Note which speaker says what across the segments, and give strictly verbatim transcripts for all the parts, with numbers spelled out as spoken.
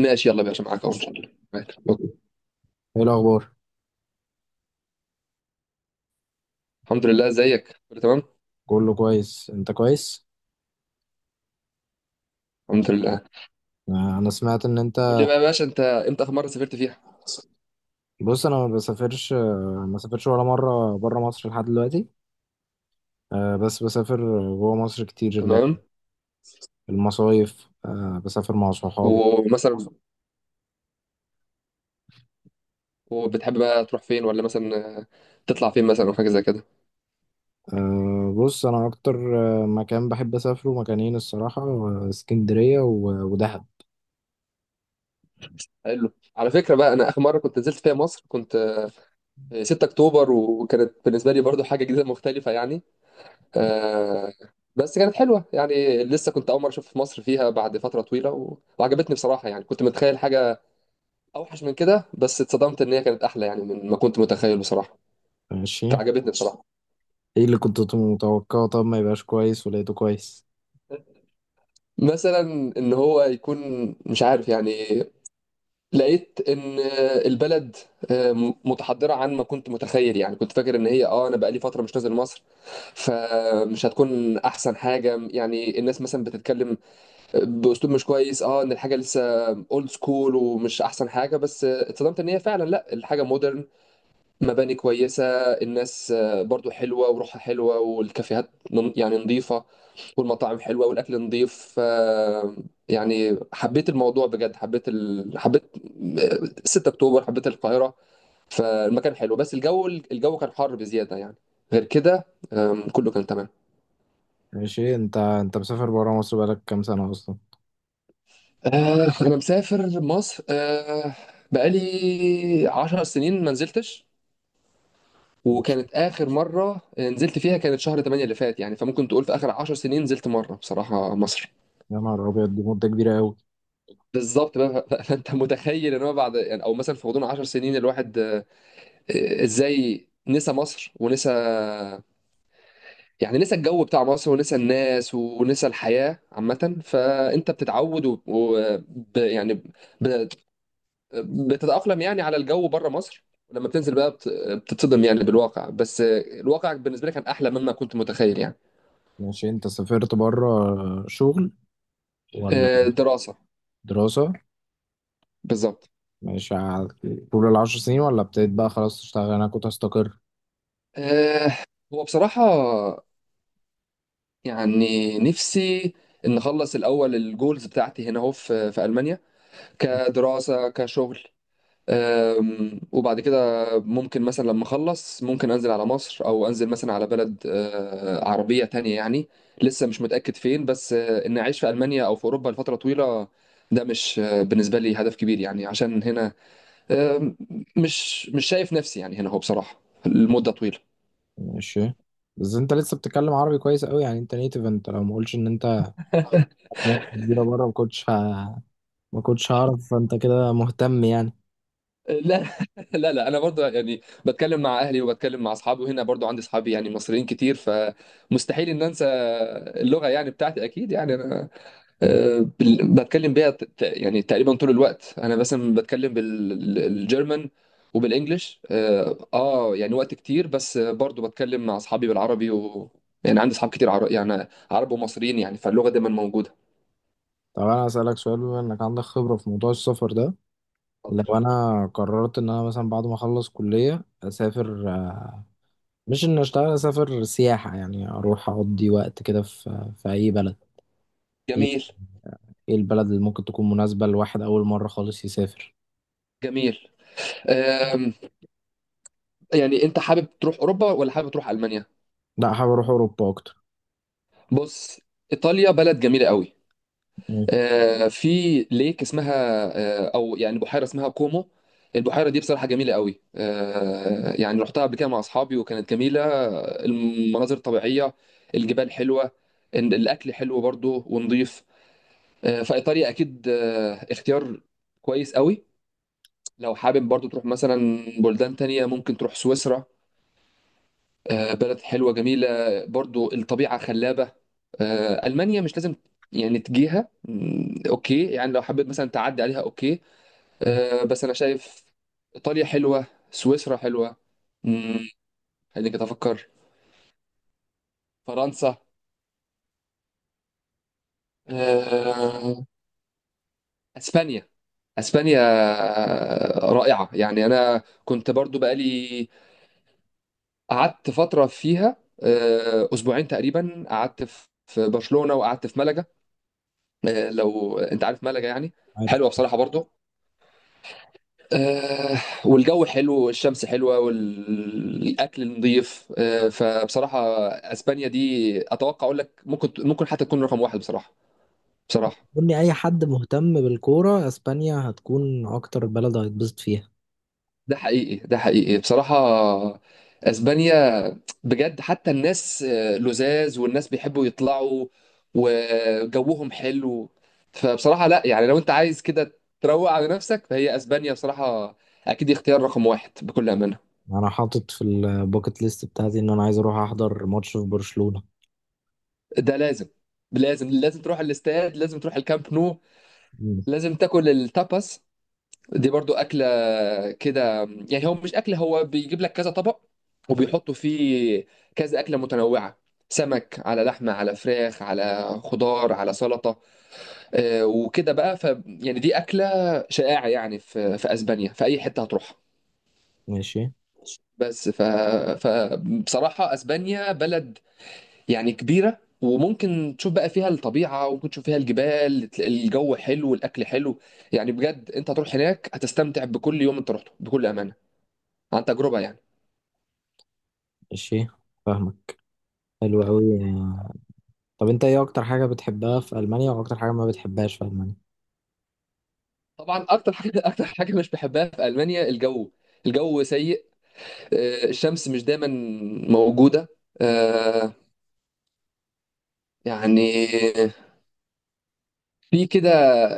Speaker 1: ماشي يلا يا باشا، معاك اهو ان شاء الله. معاك أوكي.
Speaker 2: ايه الاخبار؟
Speaker 1: الحمد لله، ازيك؟ كله تمام؟
Speaker 2: كله كويس، انت كويس؟
Speaker 1: الحمد لله.
Speaker 2: آه، انا سمعت ان
Speaker 1: قول لي
Speaker 2: انت.
Speaker 1: بقى يا باشا، انت امتى اخر مره سافرت فيها؟
Speaker 2: بص انا ما بسافرش، آه، ما سافرش ولا مره بره مصر لحد دلوقتي. آه، بس بسافر جوه مصر كتير، اللي هي
Speaker 1: تمام.
Speaker 2: المصايف، آه، بسافر مع صحابي.
Speaker 1: ومثلا، وبتحب بقى تروح فين، ولا مثلا آه، تطلع فين مثلا او حاجه زي كده؟
Speaker 2: آه، بص انا اكتر آه، مكان بحب اسافره، مكانين الصراحه، آه، اسكندريه و- ودهب.
Speaker 1: حلو. على فكره بقى، انا اخر مره كنت نزلت فيها مصر كنت آه، 6 اكتوبر، وكانت بالنسبه لي برضو حاجه جديده مختلفه يعني. آه، بس كانت حلوه يعني. لسه كنت اول مره اشوف مصر فيها بعد فتره طويله و- وعجبتني بصراحه. يعني كنت متخيل حاجه اوحش من كده، بس اتصدمت ان هي كانت احلى يعني من ما كنت متخيل بصراحه.
Speaker 2: ماشي.
Speaker 1: فعجبتني بصراحه.
Speaker 2: ايه اللي كنت متوقعه؟ طب ما يبقاش كويس ولقيته كويس.
Speaker 1: مثلا ان هو يكون، مش عارف يعني. لقيت ان البلد متحضره عن ما كنت متخيل يعني. كنت فاكر ان هي اه انا بقالي فتره مش نازل مصر، فمش هتكون احسن حاجه. يعني الناس مثلا بتتكلم باسلوب مش كويس، اه ان الحاجه لسه اولد سكول ومش احسن حاجه. بس اتصدمت ان هي فعلا لا، الحاجه مودرن، مباني كويسة، الناس آه، برضو حلوة وروحها حلوة، والكافيهات نن- يعني نظيفة، والمطاعم حلوة والأكل نظيف. آه، يعني حبيت الموضوع بجد. حبيت ال... حبيت آه، ستة اكتوبر أكتوبر، حبيت القاهرة. فالمكان حلو، بس الجو الجو كان حر بزيادة يعني. غير كده، آم، كله كان تمام.
Speaker 2: ماشي. انت انت مسافر بره مصر بقالك كام سنه اصلا؟
Speaker 1: آه، أنا مسافر مصر، آه، بقالي 10 سنين ما نزلتش.
Speaker 2: ماشي.
Speaker 1: وكانت اخر مره نزلت فيها كانت شهر تمانية اللي فات يعني. فممكن تقول في اخر 10 سنين نزلت مره بصراحه مصر.
Speaker 2: يا نهار ابيض، دي مده كبيره قوي.
Speaker 1: بالظبط بقى. ف- فانت متخيل ان هو بعد يعني، او مثلا في غضون 10 سنين الواحد آه، ازاي نسى مصر، ونسى يعني نسى الجو بتاع مصر، ونسى الناس، ونسى الحياه عامه. فانت بتتعود و... و... ب... يعني ب... بتتاقلم يعني على الجو بره مصر. لما بتنزل بقى بت... بتتصدم يعني بالواقع، بس آه، الواقع بالنسبه لي كان احلى مما كنت متخيل يعني.
Speaker 2: ماشي. انت سافرت بره شغل ولا
Speaker 1: آه، دراسه.
Speaker 2: دراسة؟
Speaker 1: بالظبط.
Speaker 2: ماشي. ع- طول العشر سنين ولا ابتديت بقى خلاص تشتغل؟ انا كنت هستقر.
Speaker 1: آه، هو بصراحة يعني نفسي إن أخلص الأول الجولز بتاعتي هنا أهو، في في ألمانيا، كدراسة كشغل. آم، وبعد كده ممكن مثلا لما أخلص ممكن أنزل على مصر، أو أنزل مثلا على بلد آه، عربية تانية يعني. لسه مش متأكد فين، بس آه، إن أعيش في ألمانيا أو في أوروبا لفترة طويلة ده مش آه، بالنسبة لي هدف كبير يعني. عشان هنا آم، مش مش شايف نفسي يعني هنا هو بصراحة لمدة طويلة.
Speaker 2: ماشي. بس انت لسه بتتكلم عربي كويس قوي يعني، انت نيتف. انت لو ما قلتش ان انت ممكن كبيرة بره، ما كنتش ه... ما كنتش هعرف. فانت كده مهتم يعني.
Speaker 1: لا. لا لا انا برضو يعني بتكلم مع اهلي، وبتكلم مع اصحابي، وهنا برضو عندي اصحابي يعني مصريين كتير، فمستحيل ان انسى اللغه يعني بتاعتي اكيد يعني. انا آه، بال- بتكلم بيها ت- ت- يعني تقريبا طول الوقت. انا مثلا بتكلم بالجرمن وبالانجلش اه، آه، يعني وقت كتير. بس برضو بتكلم مع اصحابي بالعربي، و، يعني عندي اصحاب كتير عرب، يعني عرب ومصريين يعني، فاللغه دايما موجوده.
Speaker 2: طب انا اسالك سؤال؟ بما انك عندك خبرة في موضوع السفر ده،
Speaker 1: اتفضل.
Speaker 2: لو انا قررت ان انا مثلا بعد ما اخلص كلية اسافر، آه، مش ان اشتغل، اسافر سياحة يعني، اروح اقضي وقت كده في في اي بلد. ايه
Speaker 1: جميل.
Speaker 2: إيه البلد اللي ممكن تكون مناسبة لواحد أول مرة خالص يسافر؟
Speaker 1: جميل. آم، يعني انت حابب تروح اوروبا، ولا حابب تروح المانيا؟
Speaker 2: لا، حابب أروح أوروبا أكتر.
Speaker 1: بص. ايطاليا بلد جميله قوي.
Speaker 2: مم.
Speaker 1: آه، في ليك اسمها، آه، او يعني بحيره اسمها كومو. البحيره دي بصراحه جميله قوي. آه، يعني رحتها قبل كده مع اصحابي، وكانت جميله. المناظر الطبيعيه، الجبال حلوه، ال- الاكل حلو برضو ونضيف. آه، فايطاليا اكيد آه، اختيار كويس قوي. لو حابب برضو تروح مثلا بلدان تانية ممكن تروح سويسرا. آه، بلد حلوة جميلة، برضو الطبيعة خلابة. آه، ألمانيا مش لازم يعني تجيها. مم، أوكي، يعني لو حبيت مثلا تعدي عليها أوكي. آه، بس أنا شايف إيطاليا حلوة، سويسرا حلوة. مم، خليني كده أفكر. فرنسا. آه، أسبانيا. أسبانيا آه، رائعة يعني. أنا كنت برضو بقالي قعدت فترة فيها، آه، أسبوعين تقريبا. قعدت في في برشلونة، وقعدت في ملقا. آه، لو انت عارف ملجا يعني.
Speaker 2: عارف.
Speaker 1: حلوه بصراحه برضو. آه، والجو حلو، والشمس حلوه، والاكل نظيف. آه، فبصراحه اسبانيا دي اتوقع اقول لك ممكن ممكن حتى تكون رقم واحد بصراحه. بصراحه.
Speaker 2: قول لي، أي حد مهتم بالكورة أسبانيا هتكون أكتر بلد هيتبسط فيها.
Speaker 1: ده حقيقي. ده حقيقي بصراحه، اسبانيا بجد. حتى الناس آه، لذاذ، والناس بيحبوا يطلعوا، وجوهم حلو. فبصراحه لا، يعني لو انت عايز كده تروق على نفسك فهي اسبانيا بصراحه اكيد اختيار رقم واحد بكل امانه.
Speaker 2: أنا حاطط في الباكت ليست بتاعتي إن أنا عايز أروح أحضر ماتش في برشلونة.
Speaker 1: ده لازم. لازم لازم تروح الاستاد، لازم تروح الكامب نو،
Speaker 2: مم.
Speaker 1: لازم تاكل التاباس. دي برضو أكلة كده يعني. هو مش أكل، هو بيجيب لك كذا طبق، وبيحطوا فيه كذا أكلة متنوعة: سمك على لحمة على فراخ على خضار على سلطة آه، وكده بقى. ف يعني دي أكلة شائعة يعني، في في أسبانيا في أي حتة هتروحها.
Speaker 2: ماشي.
Speaker 1: بس ف... فبصراحة أسبانيا بلد يعني كبيرة، وممكن تشوف بقى فيها الطبيعة، وممكن تشوف فيها الجبال، تلاقي الجو حلو والأكل حلو. يعني بجد أنت هتروح هناك هتستمتع بكل يوم أنت رحته، بكل أمانة، عن تجربة يعني.
Speaker 2: ماشي، فاهمك. حلو أوي. طب أنت إيه أكتر حاجة بتحبها في ألمانيا وأكتر حاجة ما بتحبهاش في ألمانيا؟
Speaker 1: طبعا أكتر حاجة أكتر حاجة مش بحبها في ألمانيا الجو. الجو سيء. آه، الشمس مش دايما موجودة. آه، يعني في كده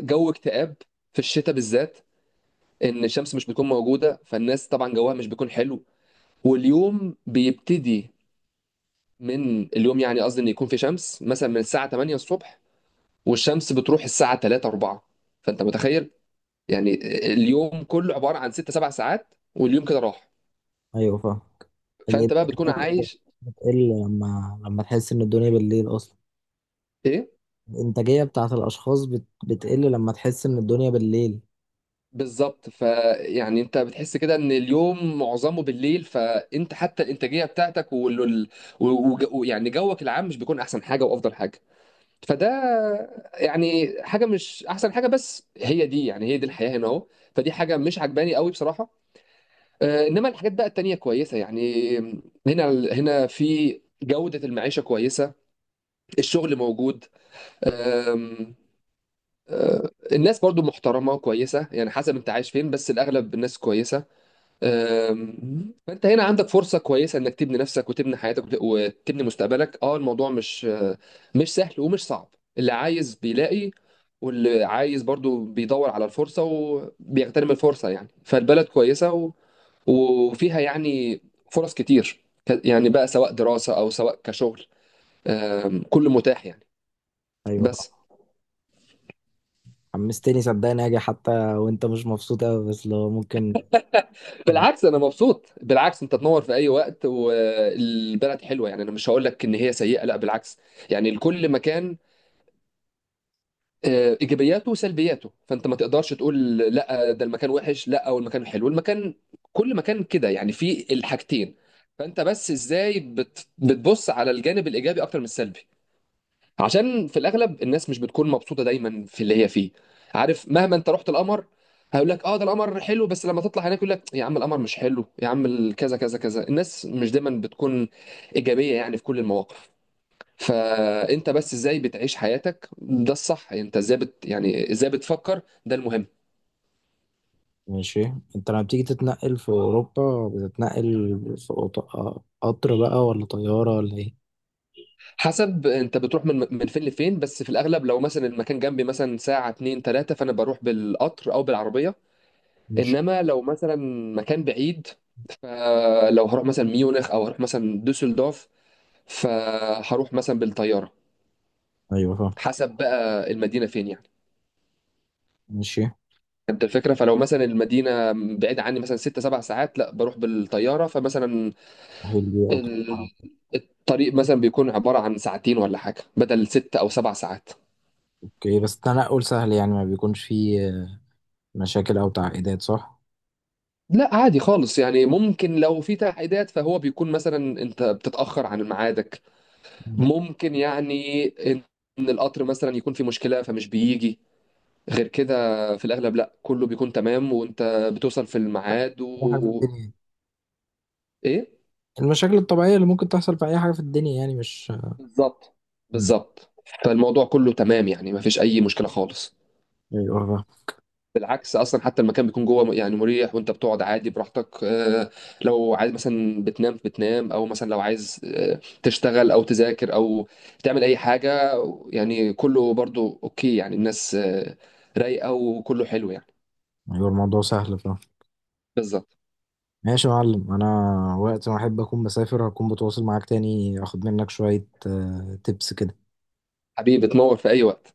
Speaker 1: جو اكتئاب، في الشتاء بالذات، ان الشمس مش بتكون موجوده. فالناس طبعا جوها مش بيكون حلو، واليوم بيبتدي من اليوم يعني. قصدي ان يكون في شمس مثلا من الساعه تمانية الصبح، والشمس بتروح الساعه تلاتة اربعة. فانت متخيل يعني اليوم كله عباره عن ستة سبعة ساعات، واليوم كده راح.
Speaker 2: أيوه، فاهم. الإيه؟
Speaker 1: فانت بقى بتكون عايش
Speaker 2: بتقل لما لما تحس إن الدنيا بالليل أصلا.
Speaker 1: ايه.
Speaker 2: الإنتاجية بتاعت الأشخاص بت... بتقل لما تحس إن الدنيا بالليل.
Speaker 1: بالظبط. فيعني انت بتحس كده ان اليوم معظمه بالليل، فانت حتى الانتاجيه بتاعتك وال- وال- و- وج- ويعني جوك العام مش بيكون احسن حاجه وافضل حاجه. فده يعني حاجه مش احسن حاجه، بس هي دي يعني هي دي الحياه هنا اهو. فدي حاجه مش عجباني قوي بصراحه. آه، انما الحاجات بقى التانية كويسة يعني. هنا هنا في جودة المعيشة كويسة، الشغل موجود. آم، آه، الناس برضو محترمة وكويسة يعني، حسب انت عايش فين، بس الأغلب الناس كويسة. آم، فانت هنا عندك فرصة كويسة انك تبني نفسك، وتبني حياتك، وت- وتبني مستقبلك. اه الموضوع مش آه، مش سهل ومش صعب. اللي عايز بيلاقي، واللي عايز برضو بيدور على الفرصة، وبيغتنم الفرصة يعني. فالبلد كويسة، وفيها يعني فرص كتير، ك- يعني بقى سواء دراسة أو سواء كشغل. آم، كله متاح يعني.
Speaker 2: أيوة
Speaker 1: بس.
Speaker 2: صح. حمستني صدقني أجي، حتى وأنت مش مبسوط أوي، بس لو ممكن.
Speaker 1: بالعكس، أنا مبسوط. بالعكس، أنت تنور في أي وقت، والبلد حلوة يعني. أنا مش هقول لك إن هي سيئة، لا بالعكس. يعني لكل مكان آه، إيجابياته وسلبياته، فأنت ما تقدرش تقول لا ده المكان وحش، لا، أو المكان حلو. المكان، كل مكان كده يعني فيه الحاجتين. فأنت بس إزاي بت- بتبص على الجانب الإيجابي أكتر من السلبي، عشان في الاغلب الناس مش بتكون مبسوطه دايما في اللي هي فيه. عارف، مهما انت رحت القمر هيقول لك اه ده القمر حلو، بس لما تطلع هناك يقول لك يا عم القمر مش حلو، يا عم ال- كذا كذا كذا. الناس مش دايما بتكون ايجابيه يعني في كل المواقف. فانت بس ازاي بتعيش حياتك ده الصح. انت ازاي بت يعني ازاي بتفكر ده المهم.
Speaker 2: ماشي. أنت لما بتيجي تتنقل في أوروبا بتتنقل في أوط... قطر بقى ولا طيارة ولا إيه؟
Speaker 1: حسب انت بتروح من من فين لفين. بس في الاغلب لو مثلا المكان جنبي مثلا ساعه اتنين تلاته، فانا بروح بالقطر او بالعربيه.
Speaker 2: ماشي.
Speaker 1: انما لو مثلا مكان بعيد، فلو هروح مثلا ميونخ او هروح مثلا دوسلدورف فهروح مثلا بالطياره،
Speaker 2: أيوة فاهم.
Speaker 1: حسب بقى المدينه فين يعني.
Speaker 2: ماشي.
Speaker 1: انت الفكره، فلو مثلا المدينه بعيده عني مثلا ست سبع ساعات لا بروح بالطياره. فمثلا
Speaker 2: سهل دي أكتر.
Speaker 1: ال- الطريق مثلا بيكون عباره عن ساعتين ولا حاجه بدل ست او سبع ساعات.
Speaker 2: أوكي، بس التنقل سهل يعني، ما بيكونش فيه مشاكل أو تعقيدات صح؟
Speaker 1: لا عادي خالص يعني. ممكن لو في تعقيدات فهو بيكون مثلا انت بتتاخر عن ميعادك.
Speaker 2: مم.
Speaker 1: ممكن يعني ان إن القطر مثلا يكون في مشكلة فمش بيجي. غير كده في الاغلب لا، كله بيكون تمام، وانت بتوصل في الميعاد
Speaker 2: أي حاجة في
Speaker 1: و...
Speaker 2: الدنيا،
Speaker 1: ايه.
Speaker 2: المشاكل الطبيعية اللي ممكن تحصل في أي حاجة في الدنيا يعني، مش.
Speaker 1: بالظبط.
Speaker 2: مم.
Speaker 1: بالظبط. فالموضوع كله تمام يعني، ما فيش اي مشكلة خالص.
Speaker 2: أيوة فاهم.
Speaker 1: بالعكس اصلا، حتى المكان بيكون جوه يعني مريح، وانت بتقعد عادي براحتك. آه، لو عايز مثلا بتنام بتنام، او مثلا لو عايز آه، تشتغل او تذاكر او تعمل اي حاجة، يعني كله برضو اوكي يعني. الناس آه، رايقة وكله حلو يعني.
Speaker 2: ايوه، الموضوع سهل، فاهم.
Speaker 1: بالظبط.
Speaker 2: ماشي يا معلم. انا وقت ما احب اكون بسافر هكون بتواصل معاك تاني اخد منك شوية تبس كده.
Speaker 1: حبيبي تنور في اي وقت.